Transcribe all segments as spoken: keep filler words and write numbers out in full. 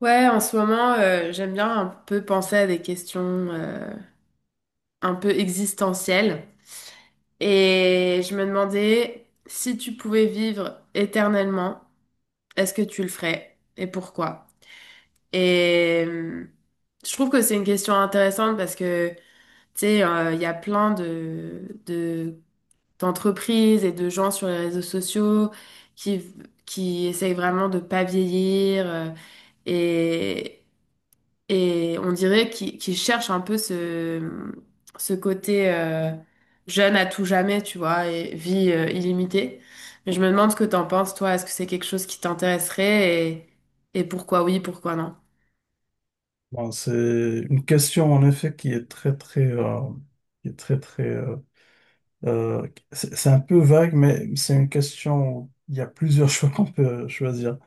Ouais, en ce moment, euh, j'aime bien un peu penser à des questions euh, un peu existentielles. Et je me demandais si tu pouvais vivre éternellement, est-ce que tu le ferais et pourquoi? Et euh, je trouve que c'est une question intéressante parce que, tu sais, euh, il y a plein de, de, d'entreprises et de gens sur les réseaux sociaux qui, qui essayent vraiment de pas vieillir. euh, et, Et on dirait qu'il qu'il cherche un peu ce, ce côté euh, jeune à tout jamais, tu vois, et vie euh, illimitée. Mais je me demande ce que t'en penses, toi. Est-ce que c'est quelque chose qui t'intéresserait et, et pourquoi oui, pourquoi non? Bon, c'est une question en effet qui est très très euh, qui est très très euh, euh, c'est c'est un peu vague mais c'est une question où il y a plusieurs choix qu'on peut choisir.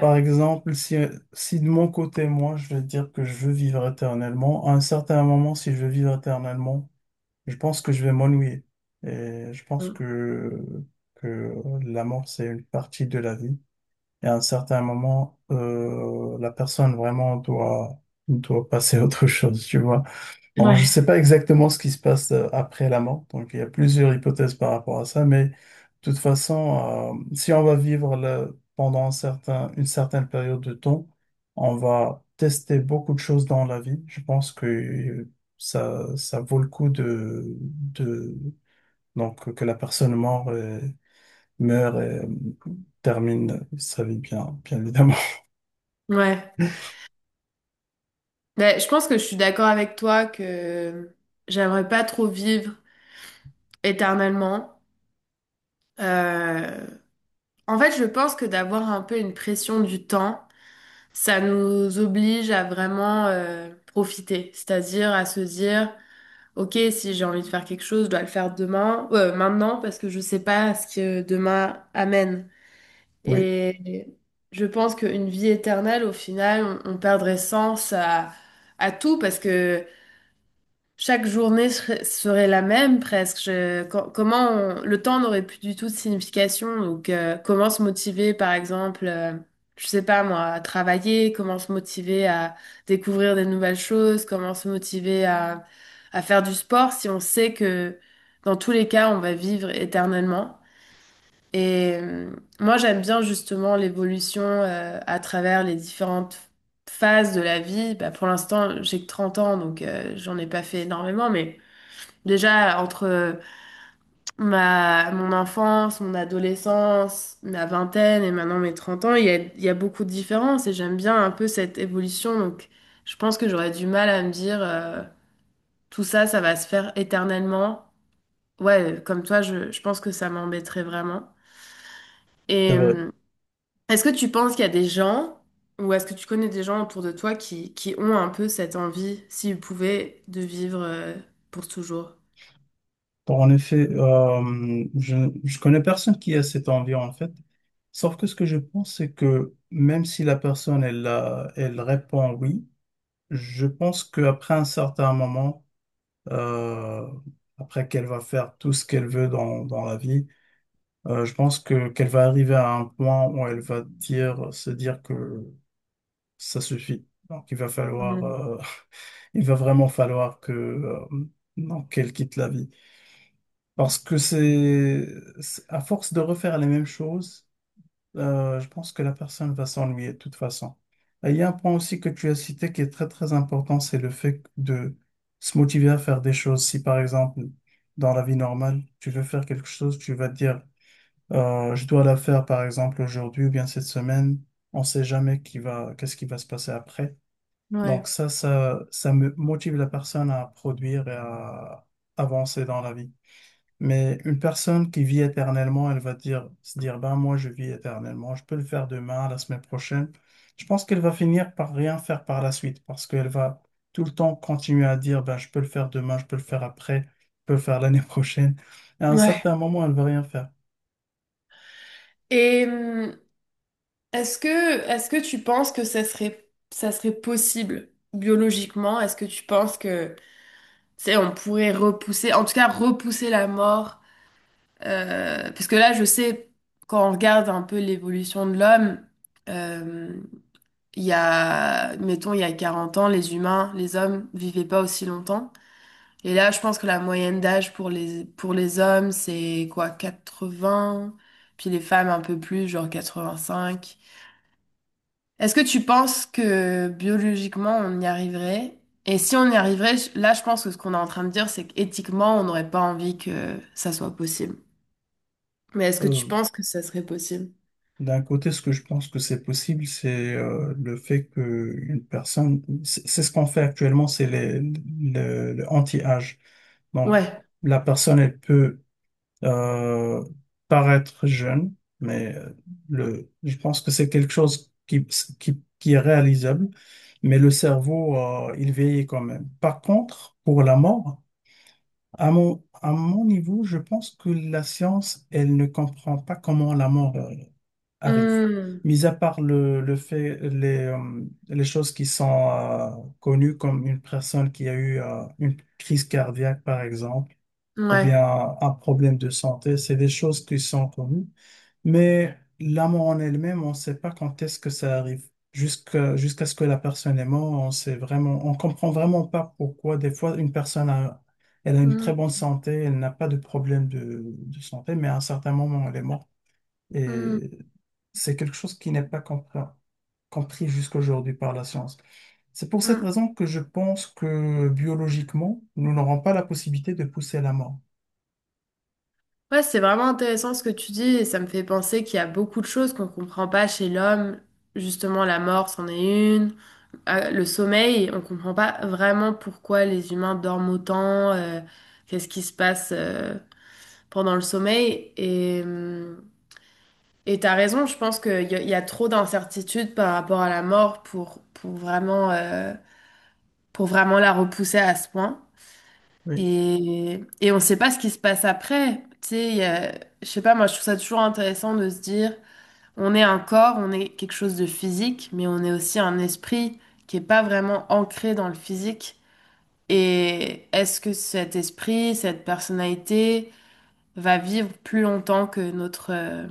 Par exemple, si si de mon côté moi je vais dire que je veux vivre éternellement, à un certain moment si je veux vivre éternellement, je pense que je vais m'ennuyer et je pense que que la mort c'est une partie de la vie. Et à un certain moment, euh, la personne vraiment doit, doit passer à autre chose, tu vois. Donc, je ne Ouais. sais pas exactement ce qui se passe euh, après la mort. Donc, il y a plusieurs hypothèses par rapport à ça. Mais de toute façon, euh, si on va vivre le- pendant un certain, une certaine période de temps, on va tester beaucoup de choses dans la vie. Je pense que ça, ça vaut le coup de, de, donc, que la personne meure et, meure et euh, termine sa vie bien, bien évidemment. Ouais. Ben, je pense que je suis d'accord avec toi que j'aimerais pas trop vivre éternellement. Euh, En fait, je pense que d'avoir un peu une pression du temps. Ça nous oblige à vraiment euh, profiter, c'est-à-dire à se dire, ok, si j'ai envie de faire quelque chose, je dois le faire demain, euh, maintenant, parce que je sais pas ce que demain amène. Oui, Et je pense qu'une vie éternelle, au final, on, on perdrait sens à, à tout, parce que chaque journée serait serait la même presque. Je- co- comment on- le temps n'aurait plus du tout de signification. Donc, euh, comment se motiver, par exemple, euh, je sais pas moi, à travailler, comment se motiver à découvrir des nouvelles choses, comment se motiver à, à faire du sport si on sait que dans tous les cas, on va vivre éternellement. Et euh, Moi, j'aime bien justement l'évolution euh, à travers les différentes phases de la vie, bah, pour l'instant, j'ai que trente ans, donc euh, j'en ai pas fait énormément, mais déjà, entre euh, ma, mon enfance, mon adolescence, ma vingtaine et maintenant mes trente ans, il y a, il y a beaucoup de différences et j'aime bien un peu cette évolution. Donc, je pense que j'aurais du mal à me dire euh, tout ça, ça va se faire éternellement. Ouais, comme toi, je, je pense que ça m'embêterait vraiment. c'est Et vrai. euh, est-ce que tu penses qu'il y a des gens ou est-ce que tu connais des gens autour de toi qui, qui ont un peu cette envie, s'ils pouvaient, de vivre euh, pour toujours? Donc, en effet, euh, je, je connais personne qui a cette envie en fait. Sauf que ce que je pense, c'est que même si la personne elle, a- elle répond oui, je pense qu'après un certain moment, euh, après qu'elle va faire tout ce qu'elle veut dans, dans la vie, euh, je pense que qu'elle va arriver à un point où elle va dire, se dire que ça suffit. Donc il va falloir, Mhm. euh, il va vraiment falloir que euh, donc, qu'elle quitte la vie. Parce que c'est, c'est- à force de refaire les mêmes choses, euh, je pense que la personne va s'ennuyer de toute façon. Et il y a un point aussi que tu as cité qui est très très important, c'est le fait de se motiver à faire des choses. Si par exemple, dans la vie normale, tu veux faire quelque chose, tu vas te dire, euh, je dois la faire par exemple aujourd'hui ou bien cette semaine, on ne sait jamais qui va, qu'est-ce qui va se passer après. Ouais. Donc ça, ça, ça me motive la personne à produire et à avancer dans la vie. Mais une personne qui vit éternellement, elle va dire, se dire, ben moi je vis éternellement, je peux le faire demain, la semaine prochaine. Je pense qu'elle va finir par rien faire par la suite parce qu'elle va tout le temps continuer à dire, ben je peux le faire demain, je peux le faire après, je peux le faire l'année prochaine. Et à un Ouais. certain moment, elle va rien faire. Et est-ce que, est-ce que tu penses que ça serait, ça serait possible biologiquement? Est-ce que tu penses que, tu sais, on pourrait repousser, en tout cas repousser la mort? Euh, parce que là, je sais, quand on regarde un peu l'évolution de l'homme, euh, il y a, mettons, il y a quarante ans, les humains, les hommes vivaient pas aussi longtemps. Et là, je pense que la moyenne d'âge pour les, pour les hommes, c'est quoi, quatre-vingts? Puis les femmes un peu plus, genre quatre-vingt-cinq. Est-ce que tu penses que biologiquement on y arriverait? Et si on y arriverait, je- là je pense que ce qu'on est en train de dire, c'est qu'éthiquement on n'aurait pas envie que ça soit possible. Mais est-ce que tu Euh, penses que ça serait possible? D'un côté, ce que je pense que c'est possible, c'est euh, le fait que une personne, c'est c'est ce qu'on fait actuellement, c'est les- le le anti-âge. Donc, Ouais. la personne, elle peut euh, paraître jeune, mais euh, le, je pense que c'est quelque chose qui, qui, qui est réalisable, mais le cerveau, euh, il vieillit quand même. Par contre, pour la mort, à mon, à mon niveau, je pense que la science, elle ne comprend pas comment la mort, euh, arrive. Hmm. Mis à part le, le fait, les, euh, les choses qui sont euh, connues comme une personne qui a eu euh, une crise cardiaque, par exemple, ou Ouais. bien un problème de santé. C'est des choses qui sont connues. Mais la mort en elle-même, on ne sait pas quand est-ce que ça arrive. Jusqu'à jusqu'à ce que la personne est morte, on sait vraiment, on comprend vraiment pas pourquoi. Des fois, une personne a, elle a une Hmm. très bonne santé, elle n'a pas de problème de, de santé, mais à un certain moment, elle est morte. Hmm. Et c'est quelque chose qui n'est pas compris, compris jusqu'aujourd'hui par la science. C'est pour cette Hmm. raison que je pense que biologiquement, nous n'aurons pas la possibilité de pousser la mort. Ouais, c'est vraiment intéressant ce que tu dis et ça me fait penser qu'il y a beaucoup de choses qu'on comprend pas chez l'homme. Justement, la mort, c'en est une. Ah, le sommeil, on comprend pas vraiment pourquoi les humains dorment autant. Euh, qu'est-ce qui se passe euh, pendant le sommeil. Et, euh, et t'as raison, je pense qu'il y, a- il y a trop d'incertitudes par rapport à la mort pour, pour vraiment, euh, pour vraiment la repousser à ce point. Oui, Et, et on ne sait pas ce qui se passe après. Tu sais, il y a- je sais pas, moi je trouve ça toujours intéressant de se dire, on est un corps, on est quelque chose de physique, mais on est aussi un esprit qui est pas vraiment ancré dans le physique. Et est-ce que cet esprit, cette personnalité, va vivre plus longtemps que notre, euh,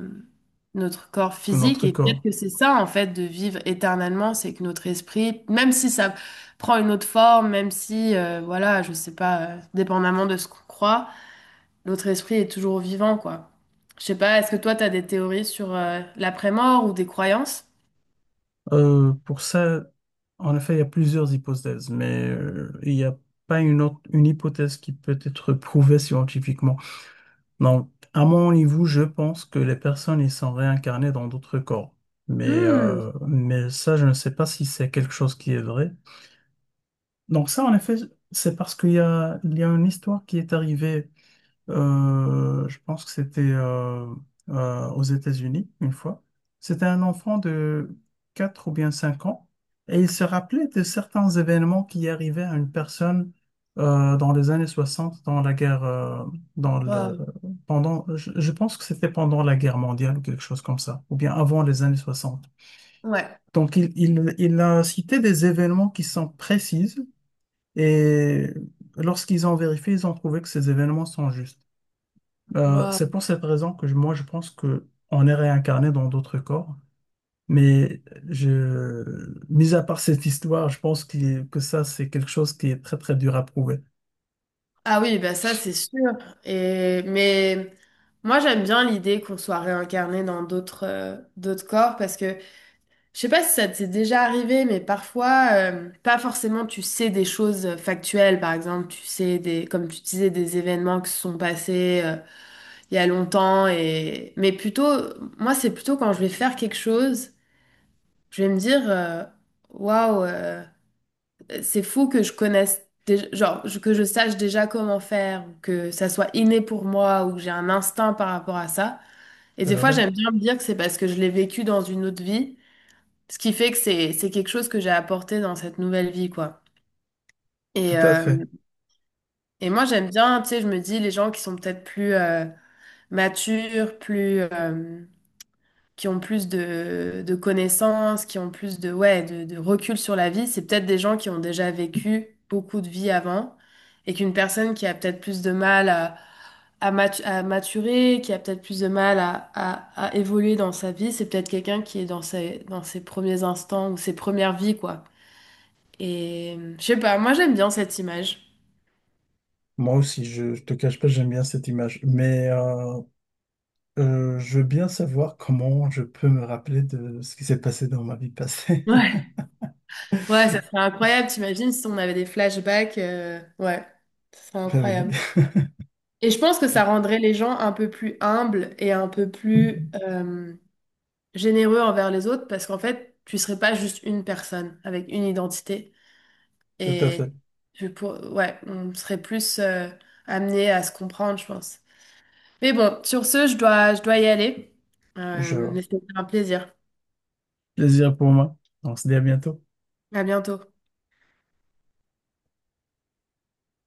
notre corps que physique. notre Et peut-être corps. que c'est ça, en fait, de vivre éternellement, c'est que notre esprit, même si ça prend une autre forme, même si, euh, voilà, je sais pas, euh, dépendamment de ce qu'on croit, notre esprit est toujours vivant, quoi. Je sais pas, est-ce que toi, t'as des théories sur euh, l'après-mort ou des croyances? Euh, pour ça, en effet, il y a plusieurs hypothèses, mais euh, il n'y a pas une autre, une hypothèse qui peut être prouvée scientifiquement. Donc, à mon niveau, je pense que les personnes, ils sont réincarnées dans d'autres corps. Mais, Hmm. euh, mais ça, je ne sais pas si c'est quelque chose qui est vrai. Donc ça, en effet, c'est parce qu'il y a, il y a une histoire qui est arrivée. Euh, je pense que c'était euh, euh, aux États-Unis une fois. C'était un enfant de quatre ou bien cinq ans et il se rappelait de certains événements qui arrivaient à une personne euh, dans les années soixante, dans la guerre, euh, dans le, Waouh. pendant, je, je pense que c'était pendant la guerre mondiale ou quelque chose comme ça, ou bien avant les années soixante. Ouais. Donc il, il, il a cité des événements qui sont précises et lorsqu'ils ont vérifié, ils ont trouvé que ces événements sont justes. Euh, c'est Waouh. pour cette raison que je- moi je pense que on est réincarné dans d'autres corps, mais je, mis à part cette histoire, je pense qu'il- est- que ça c'est quelque chose qui est très très dur à prouver. Ah oui, bah ça c'est sûr. Et mais moi j'aime bien l'idée qu'on soit réincarné dans d'autres euh, d'autres corps parce que je sais pas si ça t'est déjà arrivé, mais parfois euh, pas forcément tu sais des choses euh, factuelles. Par exemple, tu sais des comme tu disais des événements qui se sont passés euh, il y a longtemps et mais plutôt moi c'est plutôt quand je vais faire quelque chose, je vais me dire euh, waouh. Euh, euh, c'est fou que je connaisse, déjà- genre, je- que je sache déjà comment faire, ou que ça soit inné pour moi, ou que j'ai un instinct par rapport à ça. Et C'est des fois, vrai? j'aime bien me dire que c'est parce que je l'ai vécu dans une autre vie, ce qui fait que c'est, c'est quelque chose que j'ai apporté dans cette nouvelle vie, quoi. Et, Tout à euh, fait. et moi, j'aime bien, tu sais, je me dis, les gens qui sont peut-être plus euh, matures, plus... euh, qui ont plus de, de connaissances, qui ont plus de, ouais, de, de recul sur la vie, c'est peut-être des gens qui ont déjà vécu beaucoup de vie avant et qu'une personne qui a peut-être plus de mal à, à, matu- à maturer, qui a peut-être plus de mal à, à, à évoluer dans sa vie, c'est peut-être quelqu'un qui est dans ses, dans ses premiers instants ou ses premières vies, quoi. Et je sais pas, moi j'aime bien cette image. Moi aussi, je, je te cache pas, j'aime bien cette image, mais euh, euh, je veux bien savoir comment je peux me rappeler de ce qui s'est passé dans ma vie passée. Ouais. Ouais, ça serait incroyable, t'imagines si on avait des flashbacks, euh, ouais, ça serait Ben oui, incroyable. Et je pense que ça rendrait les gens un peu plus humbles et un peu plus euh, généreux envers les autres parce qu'en fait, tu serais pas juste une personne avec une identité. tout à fait. Et tu pour... ouais, on serait plus euh, amené à se comprendre, je pense. Mais bon, sur ce, je dois, je dois y aller. Euh, Je vois. Mais c'était un plaisir. Plaisir pour moi. On se dit à bientôt. À bientôt.